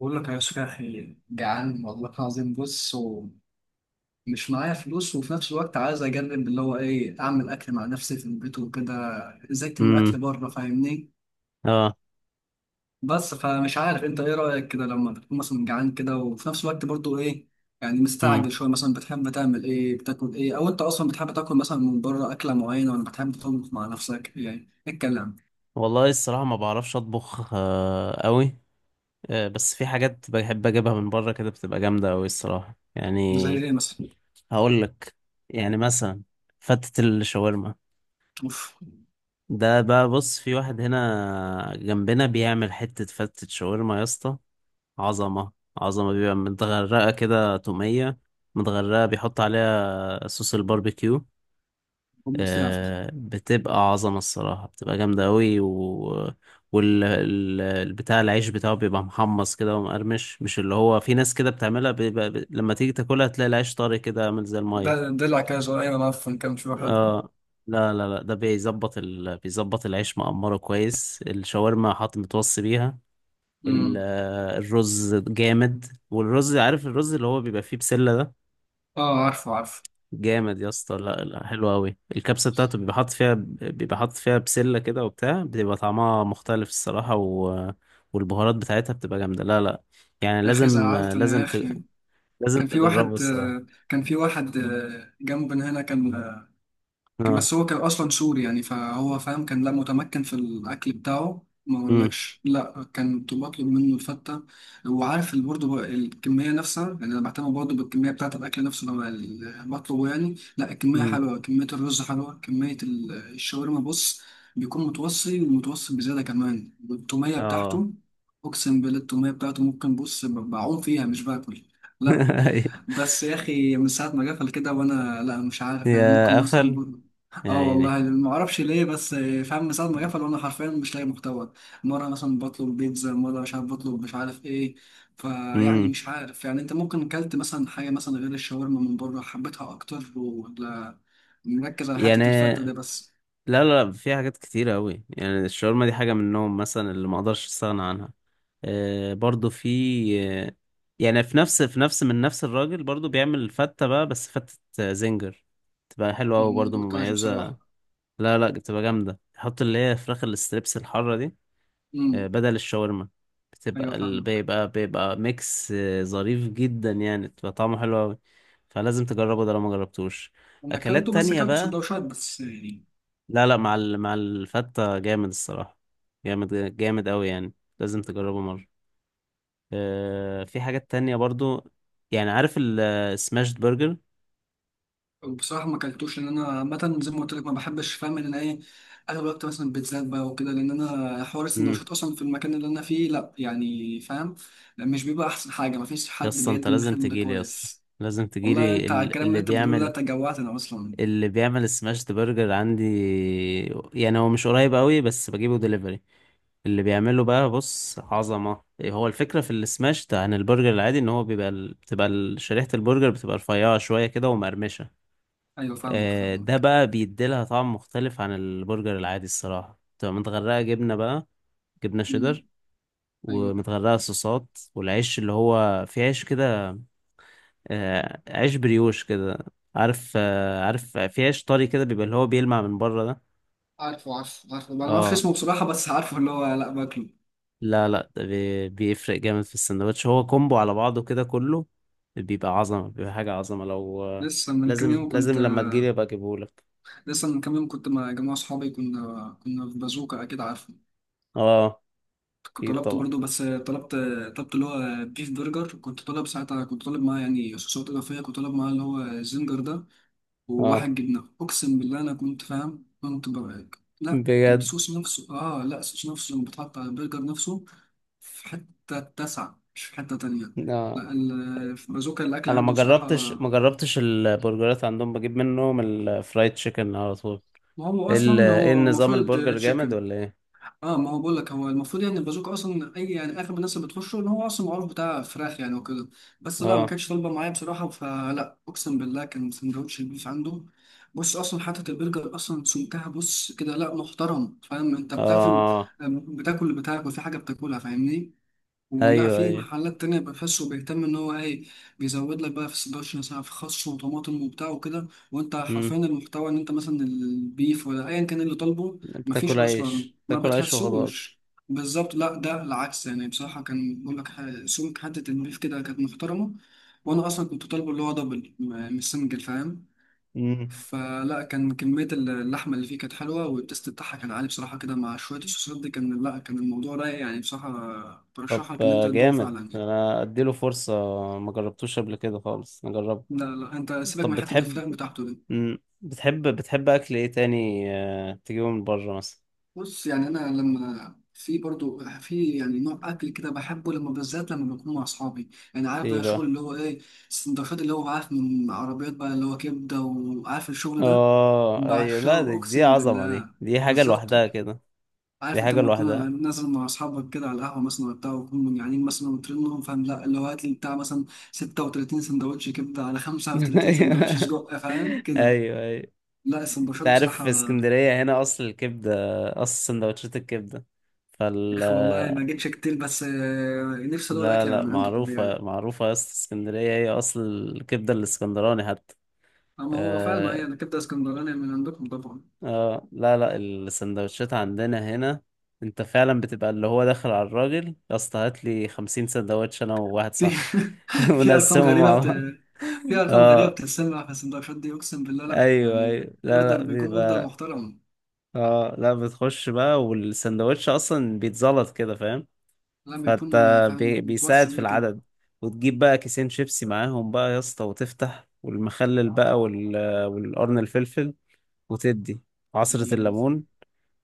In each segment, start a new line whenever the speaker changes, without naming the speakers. بقول لك يا صاحبي، جعان والله العظيم. بص، ومش معايا فلوس، وفي نفس الوقت عايز اجرب اللي هو ايه، اعمل اكل مع نفسي في البيت وكده. زهقت من
امم
الاكل بره فاهمني.
اه
بس فمش عارف، انت ايه رايك كده لما تكون مثلا جعان كده وفي نفس الوقت برضو ايه، يعني
امم
مستعجل شويه، مثلا بتحب تعمل ايه؟ بتاكل ايه؟ او انت اصلا بتحب تاكل مثلا من بره اكله معينه، ولا بتحب تطبخ مع نفسك؟ يعني اتكلم.
والله الصراحه ما بعرفش اطبخ قوي. بس في حاجات بحب اجيبها من بره كده بتبقى جامده قوي الصراحه
زي
يعني.
ايه مثلا؟
هقول لك، يعني مثلا فتة الشاورما.
اوف،
ده بقى بص، في واحد هنا جنبنا بيعمل حته فتة شاورما يا اسطى. عظمه. عظمه، بيبقى متغرقه كده توميه، متغرقه، بيحط عليها صوص الباربيكيو.
بموت فيها.
بتبقى عظمة الصراحة، بتبقى جامدة أوي والبتاع، العيش بتاعه بيبقى محمص كده ومقرمش، مش اللي هو في ناس كده بتعملها لما تيجي تاكلها تلاقي العيش طري كده عامل زي المية.
ده دلع كده صغير، انا عارف كام شويه.
اه، لا لا لا، ده بيظبط بيظبط العيش مقمره كويس، الشاورما حاط متوصي بيها. ال...
حلو.
آه، الرز جامد. والرز، عارف الرز اللي هو بيبقى فيه بسلة ده؟
اه، عارفه عارفه.
جامد يا اسطى. لا لا، حلو قوي الكبسه بتاعته، بيبقى حاطط فيها، بيبقى حاطط فيها بسله كده وبتاع، بتبقى طعمها مختلف الصراحه، والبهارات بتاعتها بتبقى جامده. لا لا، يعني
يا اخي
لازم
زعلت انا
لازم
يا اخي.
لازم
كان في
تجربه
واحد
الصراحه.
جنبنا هنا كان.
اه.
بس هو كان اصلا سوري يعني، فهو فاهم كان، لا متمكن في الاكل بتاعه، ما
امم
اقولكش، لا كنت بطلب منه الفته. وعارف برضه بقى الكميه نفسها، يعني انا بعتمد برضه بالكميه بتاعه الاكل نفسه لما بطلبه، يعني لا الكميه
امم
حلوه، كميه الرز حلوه، كميه الشاورما بص، بيكون متوصي ومتوصي بزياده كمان. والتوميه
اه
بتاعته، اقسم بالله التوميه بتاعته ممكن، بص، بعوم فيها مش باكل. لا. بس يا اخي من ساعه ما قفل كده، وانا لا، مش عارف يعني، ممكن
يا
مثلا
قفل،
نقول.
يا
اه
عيني.
والله ما اعرفش ليه، بس فاهم من ساعه ما قفل وانا حرفيا مش لاقي محتوى. مره مثلا بطلب بيتزا، مره مش عارف بطلب مش عارف ايه. فيعني
امم
مش عارف يعني، انت ممكن كلت مثلا حاجه مثلا غير الشاورما من بره حبيتها اكتر، ولا مركز على
يعني
حته الفته ده بس؟
لا لا لا، في حاجات كتيرة أوي يعني. الشاورما دي حاجة منهم مثلا اللي ما أقدرش أستغنى عنها. برضو في، آه، يعني في نفس من نفس الراجل برضو بيعمل فتة بقى، بس فتة زنجر. تبقى حلوة أوي،
ما
برضو
دقتهاش
مميزة.
بصراحه.
لا لا، بتبقى جامدة، يحط اللي هي فراخ الاستريبس الحارة دي،
امم.
بدل الشاورما.
ايوه فاهمك.
بيبقى ميكس ظريف جدا يعني، بتبقى طعمه حلو أوي. فلازم تجربه ده لو ما جربتوش.
انا اكلته،
أكلات
بس
تانية
اكلته
بقى.
سندوتشات بس يعني.
لا لا، مع الفتة جامد الصراحة. جامد جامد أوي يعني. لازم تجربه مرة. في حاجات تانية برضو يعني. عارف السماشت برجر؟
بصراحة ما اكلتوش، لأن أنا عامة زي ما قلت لك ما بحبش، فاهم إن أنا إيه، أغلب الوقت مثلا بيتزات بقى وكده، لأن أنا حوار
امم
السندوتشات أصلا في المكان اللي أنا فيه لأ، يعني فاهم، مش بيبقى أحسن حاجة، مفيش
يا
حد
اسطى انت
بيقدم
لازم
الخدمة ده
تجيلي يا اسطى.
كويس.
لازم
والله
تجيلي
أنت، على الكلام اللي
اللي
أنت بتقوله ده
بيعمل،
أنت جوعتنا أصلا.
اللي بيعمل السماشت برجر عندي. يعني هو مش قريب قوي، بس بجيبه دليفري. اللي بيعمله بقى بص عظمة إيه، هو الفكرة في السماشت عن البرجر العادي ان هو بيبقى شريحة البرجر بتبقى رفيعة شوية كده ومقرمشة.
أيوه فاهمك
ده
فاهمك.
بقى بيديلها طعم مختلف عن البرجر العادي الصراحة، بتبقى متغرقة جبنة بقى، جبنة
أمم.
شيدر،
أيوه.
ومتغرقة صوصات. والعيش اللي هو في عيش كده، عيش بريوش كده، عارف؟ عارف في عيش طري كده بيبقى، اللي هو بيلمع من بره ده.
عارفه عارفه عارفه، أنا ما أعرفش
اه.
اسمه بصراحة، بس عارفه اللي هو، لأ باكله.
لا لا، ده بيفرق جامد في السندوتش، هو كومبو على بعضه كده كله. بيبقى عظمة، بيبقى حاجة عظمة لو
لسه من كام
لازم
يوم
لازم
كنت
لما تجيلي ابقى اجيبهولك.
لسه من كام يوم كنت مع جماعة صحابي، كنا في بازوكا أكيد عارفه.
اه،
كنت
اكيد
طلبت
طبعا.
برضو، بس طلبت اللي هو بيف برجر. كنت طالب ساعتها، كنت طالب معاه يعني صوصات إضافية، كنت طالب معاه اللي هو الزنجر ده،
اه،
وواحد جبنة. أقسم بالله أنا كنت فاهم، كنت برقك، لا
بجد.
الصوص نفسه، لا الصوص نفسه لما بتحط على البرجر نفسه، في حتة تسعة مش في حتة تانية.
اه،
لا في بازوكا الأكل
انا ما
عنده بصراحة،
جربتش، ما جربتش البرجرات عندهم، بجيب منهم الفرايد تشيكن على طول.
ما هو أصلا
ايه
هو
النظام،
المفروض
البرجر جامد
تشيكن.
ولا ايه؟
اه، ما هو بقول لك، هو المفروض يعني البازوكا اصلا، اي يعني اغلب الناس اللي بتخشه ان هو اصلا معروف بتاع فراخ يعني وكده. بس لا، ما
اه.
كانتش طالبه معايا بصراحه، فلا، اقسم بالله كان سندوتش البيف عنده بص، اصلا حته البرجر اصلا سمكها بص كده، لا محترم، فاهم انت بتاكل،
اه،
بتاكل اللي بتاكل، في حاجه بتاكلها فاهمني. ولا
ايوه
في
ايوه.
محلات تانية بقى فاسو، بيهتم إن هو إيه، بيزود لك بقى في 16 ساعة، في خس وطماطم وبتاع وكده، وأنت
امم
حرفيا المحتوى إن أنت مثلا البيف ولا أيا كان اللي طالبه، مفيش
بتاكل
أصلا
عيش،
ما
بتاكل عيش وخضار.
بتحسوش. بالظبط، لا ده العكس، يعني بصراحة كان بقول لك، سمك حتة البيف كده كانت محترمة. وأنا أصلا كنت طالبه اللي هو دبل، مش سنجل فاهم.
امم
فلا كان كمية اللحمة اللي فيه كانت حلوة، والتست بتاعها كان عالي بصراحة كده، مع شوية الصوصات دي، كان لا، كان الموضوع رايق يعني، بصراحة
طب
برشحك إن أنت تدوقه
جامد،
فعلا يعني.
انا اديله فرصة، ما جربتوش قبل كده خالص، نجربه.
لا لا، أنت سيبك
طب
من حتة
بتحب،
الفراخ بتاعته دي.
بتحب، بتحب اكل ايه تاني تجيبه من بره مثلا؟
بص يعني، أنا لما في برضو في، يعني نوع أكل كده بحبه لما بالذات لما بكون مع أصحابي، يعني عارف
ايه
بقى الشغل
بقى؟
اللي هو إيه، السندوتشات اللي هو عارف من عربيات بقى، اللي هو كبدة، وعارف الشغل ده.
اه ايوه، لا دي,
بعشقه
دي
أقسم
عظمة، دي
بالله.
دي حاجة
بالظبط.
لوحدها كده. دي
عارف انت
حاجة
لما
لوحدها.
تكون نازل مع اصحابك كده على القهوه مثلا وبتاع، وهم جعانين مثلا وترنهم فاهم، لا اللي هو هات لي بتاع مثلا 36 سندوتش كبده على 35 سندوتش
ايوه
سجق فاهم كده.
ايوه ايوه.
لا السندوتشات
تعرف
بصراحه.
في اسكندرية هنا اصل الكبدة، اصل سندوتشات الكبدة.
يا
فال.
اخي والله ما جيتش كتير، بس نفسي ادوق
لا
الاكل
لا،
من عندكم يعني.
معروفة معروفة يا اسطى، اسكندرية هي اصل الكبدة، الاسكندراني حتى.
اما هو فعلا، ما هي
اه،
الكبده اسكندراني من عندكم طبعا.
لا لا، السندوتشات عندنا هنا. انت فعلا بتبقى اللي هو داخل على الراجل يا اسطى: هات لي 50 سندوتش انا وواحد
في
صاحبي
في ارقام
ونقسمهم
غريبه
مع
بت...
بعض.
في ارقام غريبه
اه
بتتسمع في السندوتشات دي، اقسم بالله لا
ايوه
يعني.
ايوه. لا
اوردر
لا
بيكون اوردر
بيبقى،
محترم.
اه لا، بتخش بقى والسندوتش اصلا بيتزلط كده، فاهم؟
لا
فانت
بيكون فاهم
بيساعد
متوصي
في
بيه كده.
العدد. وتجيب بقى كيسين شيبسي معاهم بقى يا اسطى، وتفتح والمخلل بقى والقرن الفلفل، وتدي عصرة
يعني
الليمون،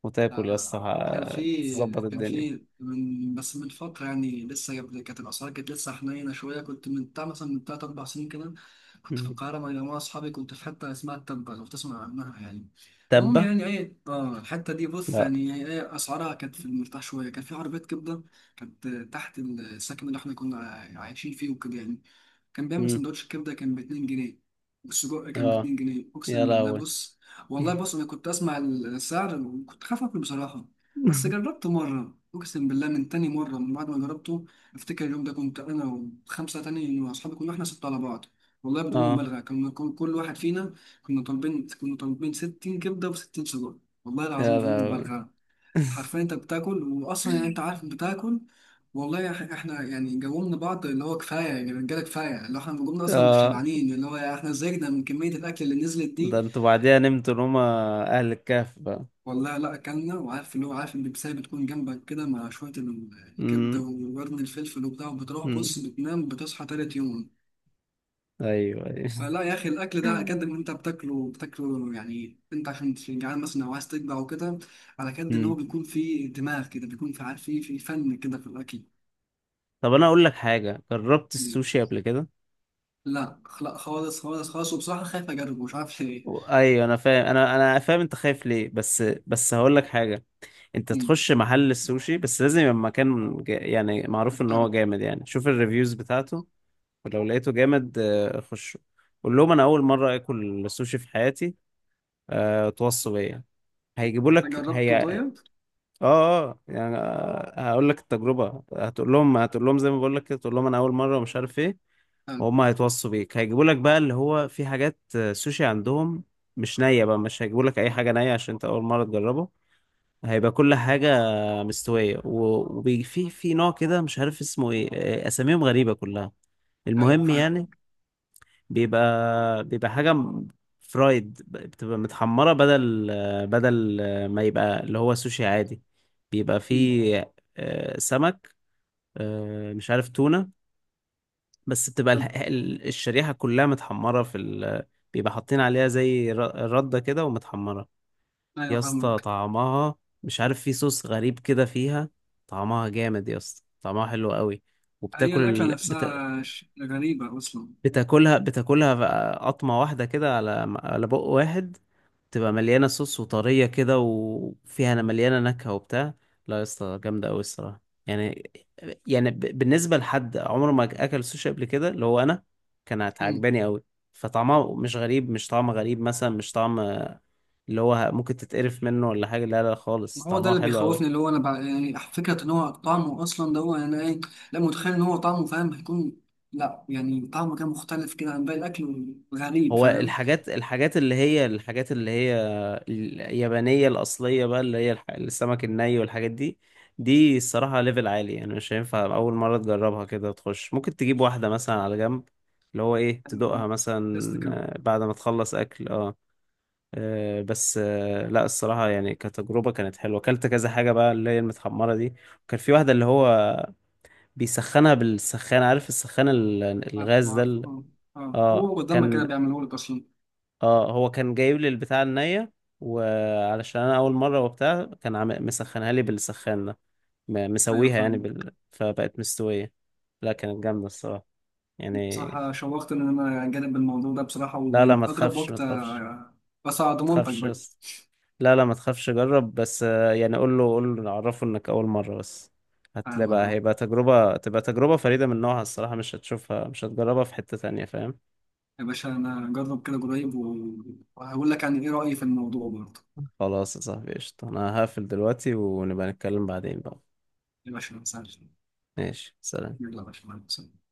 وتاكل يا
لا،
اسطى،
كان في
تظبط
كان
الدنيا.
في من فترة، يعني لسه قبل، كانت الأسعار كانت لسه حنينة شوية، كنت من بتاع مثلا من تلات أربع سنين كده، كنت في
مم.
القاهرة مع مجموعة أصحابي، كنت في حتة اسمها التبة لو تسمع عنها يعني. المهم
تبة.
يعني إيه، الحتة دي بص،
لا.
يعني إيه، أسعارها كانت في المرتاح شوية، كان في عربية كبدة كانت تحت السكن اللي إحنا كنا عايشين فيه وكده يعني. كان بيعمل
مم.
سندوتش كبدة كان باتنين جنيه، والسجق كان
اه،
باتنين جنيه
يا
أقسم بالله
لهوي.
بص. والله بص، أنا كنت أسمع السعر وكنت خايف أكل بصراحة. بس جربته مرة، أقسم بالله من تاني مرة من بعد ما جربته، أفتكر اليوم ده كنت أنا وخمسة تاني وأصحابي، كنا إحنا ستة على بعض. والله بدون
اه
مبالغة، كنا كل واحد فينا، كنا طالبين 60 كبدة و60 سجق، والله العظيم
يا
بدون
لهوي.
مبالغة. حرفيا انت بتاكل، واصلا يعني انت عارف بتاكل. والله يا أخي احنا يعني جاوبنا بعض اللي هو كفاية، يعني رجالة كفاية اللي هو احنا جاوبنا اصلا، مش
اه،
شبعانين، اللي هو احنا زهقنا من كمية الاكل اللي نزلت
ده
دي.
انتوا بعديها نمتوا نومة اهل الكهف بقى.
والله لا اكلنا، وعارف اللي هو عارف البيبسية بتكون جنبك كده، مع شوية الكبدة
مم.
وقرن الفلفل وبتاع، وبتروح
مم.
بص بتنام بتصحى تالت يوم.
ايوه ايوه.
فلا يا اخي، الاكل ده على قد ما انت بتاكله بتاكله يعني، انت عشان تكون جعان مثلا او عايز تشبع وكده، على قد ان هو
مم.
بيكون فيه دماغ كده، بيكون في عارف، في فن كده في الاكل.
طب انا اقول لك حاجه، جربت
مم.
السوشي قبل كده؟
لا لا خالص خالص خالص، وبصراحه خايف اجربه مش عارف ليه.
ايوه، انا فاهم، انا فاهم انت خايف ليه، بس بس هقول لك حاجه. انت
مم.
تخش محل السوشي، بس لازم يبقى مكان يعني معروف ان هو
محترم.
جامد يعني، شوف الريفيوز بتاعته. ولو لقيته جامد خشه. قول لهم انا اول مره اكل السوشي في حياتي، توصوا بيا. هيجيبوا
أنت
لك
جربته
هي.
طيب؟
اه اه، يعني هقول لك التجربه. هتقول لهم زي ما بقول لك كده، تقول لهم انا اول مره ومش عارف ايه،
حلو.
وهم هيتوصوا بيك، هيجيبوا لك بقى اللي هو في حاجات سوشي عندهم، مش نية بقى، مش هيجيبوا لك اي حاجة نية عشان انت اول مرة تجربه. هيبقى كل حاجة مستوية. وفي في نوع كده مش عارف اسمه ايه اساميهم غريبة كلها.
ايوه
المهم يعني،
فاهم.
بيبقى حاجة فرايد، بتبقى متحمرة بدل ما يبقى اللي هو سوشي عادي. بيبقى
مم.
فيه سمك، مش عارف تونة، بس بتبقى
حلو.
الشريحة كلها متحمرة في بيبقى حاطين عليها زي ردة كده ومتحمرة.
ايوه
يا اسطى
فاهمك.
طعمها، مش عارف في صوص غريب كده فيها، طعمها جامد يا اسطى، طعمها حلو قوي.
هي
وبتاكل
الاكله نفسها غريبه اصلا.
بتاكلها، بتاكلها بقى قطمة واحدة كده، على على بق واحد، تبقى مليانة صوص وطرية كده، وفيها أنا مليانة نكهة وبتاع. لا يا اسطى، جامدة أوي الصراحة يعني. يعني بالنسبة لحد عمره ما أكل سوشي قبل كده اللي هو أنا، كانت عجباني أوي. فطعمها مش غريب، مش طعم غريب مثلا، مش طعم اللي هو ممكن تتقرف منه ولا حاجة، لا لا
ما
خالص،
هو ده
طعمها
اللي
حلو أوي.
بيخوفني، اللي هو انا بقى يعني فكره ان هو طعمه اصلا ده هو يعني ايه، لا متخيل ان هو طعمه فاهم هيكون، لا يعني طعمه كان مختلف كده عن باقي الاكل، غريب
هو
فاهم.
الحاجات، الحاجات اللي هي اليابانية الأصلية بقى، اللي هي السمك الني والحاجات دي، دي الصراحة ليفل عالي يعني، مش هينفع أول مرة تجربها كده تخش، ممكن تجيب واحدة مثلا على جنب اللي هو إيه،
أيوة
تدوقها
فاهم. تست
مثلا،
كده.
بعد ما تخلص أكل. أه بس لا الصراحة يعني، كتجربة كانت حلوة، أكلت كذا حاجة بقى اللي هي المتحمرة دي. وكان في واحدة اللي هو بيسخنها بالسخان، عارف السخان
عارفه
الغاز ده
عارفه اه. اه
اه
هو قدامنا كده
كان،
بيعملوا لك اصلا.
اه هو كان جايب لي البتاع النية، وعلشان انا اول مرة وبتاع كان مسخنها لي بالسخان ده،
ايوه
مسويها يعني
فاهم.
فبقت مستوية. لا كانت جامدة الصراحة يعني.
بصراحه شوقت ان انا اجرب الموضوع ده بصراحه،
لا لا
ويعني
ما
اقرب
تخافش، ما
وقت
تخافش،
بس على
ما
ضمانتك
تخافش
بقى.
بس، لا لا ما تخافش، جرب بس يعني قول له، قول له عرفه انك اول مرة بس، هتلاقي
فاهمك
بقى
اه.
هيبقى تجربة، تبقى تجربة فريدة من نوعها الصراحة، مش هتشوفها مش هتجربها في حتة تانية فاهم.
يا باشا انا اجرب كده قريب، وهقول لك يعني ايه رايي في الموضوع برضه.
خلاص يا صاحبي، قشطة، انا هقفل دلوقتي ونبقى نتكلم بعدين بقى.
يا باشا ما تسالش.
ماشي، سلام.
يلا يا باشا مع السلامة.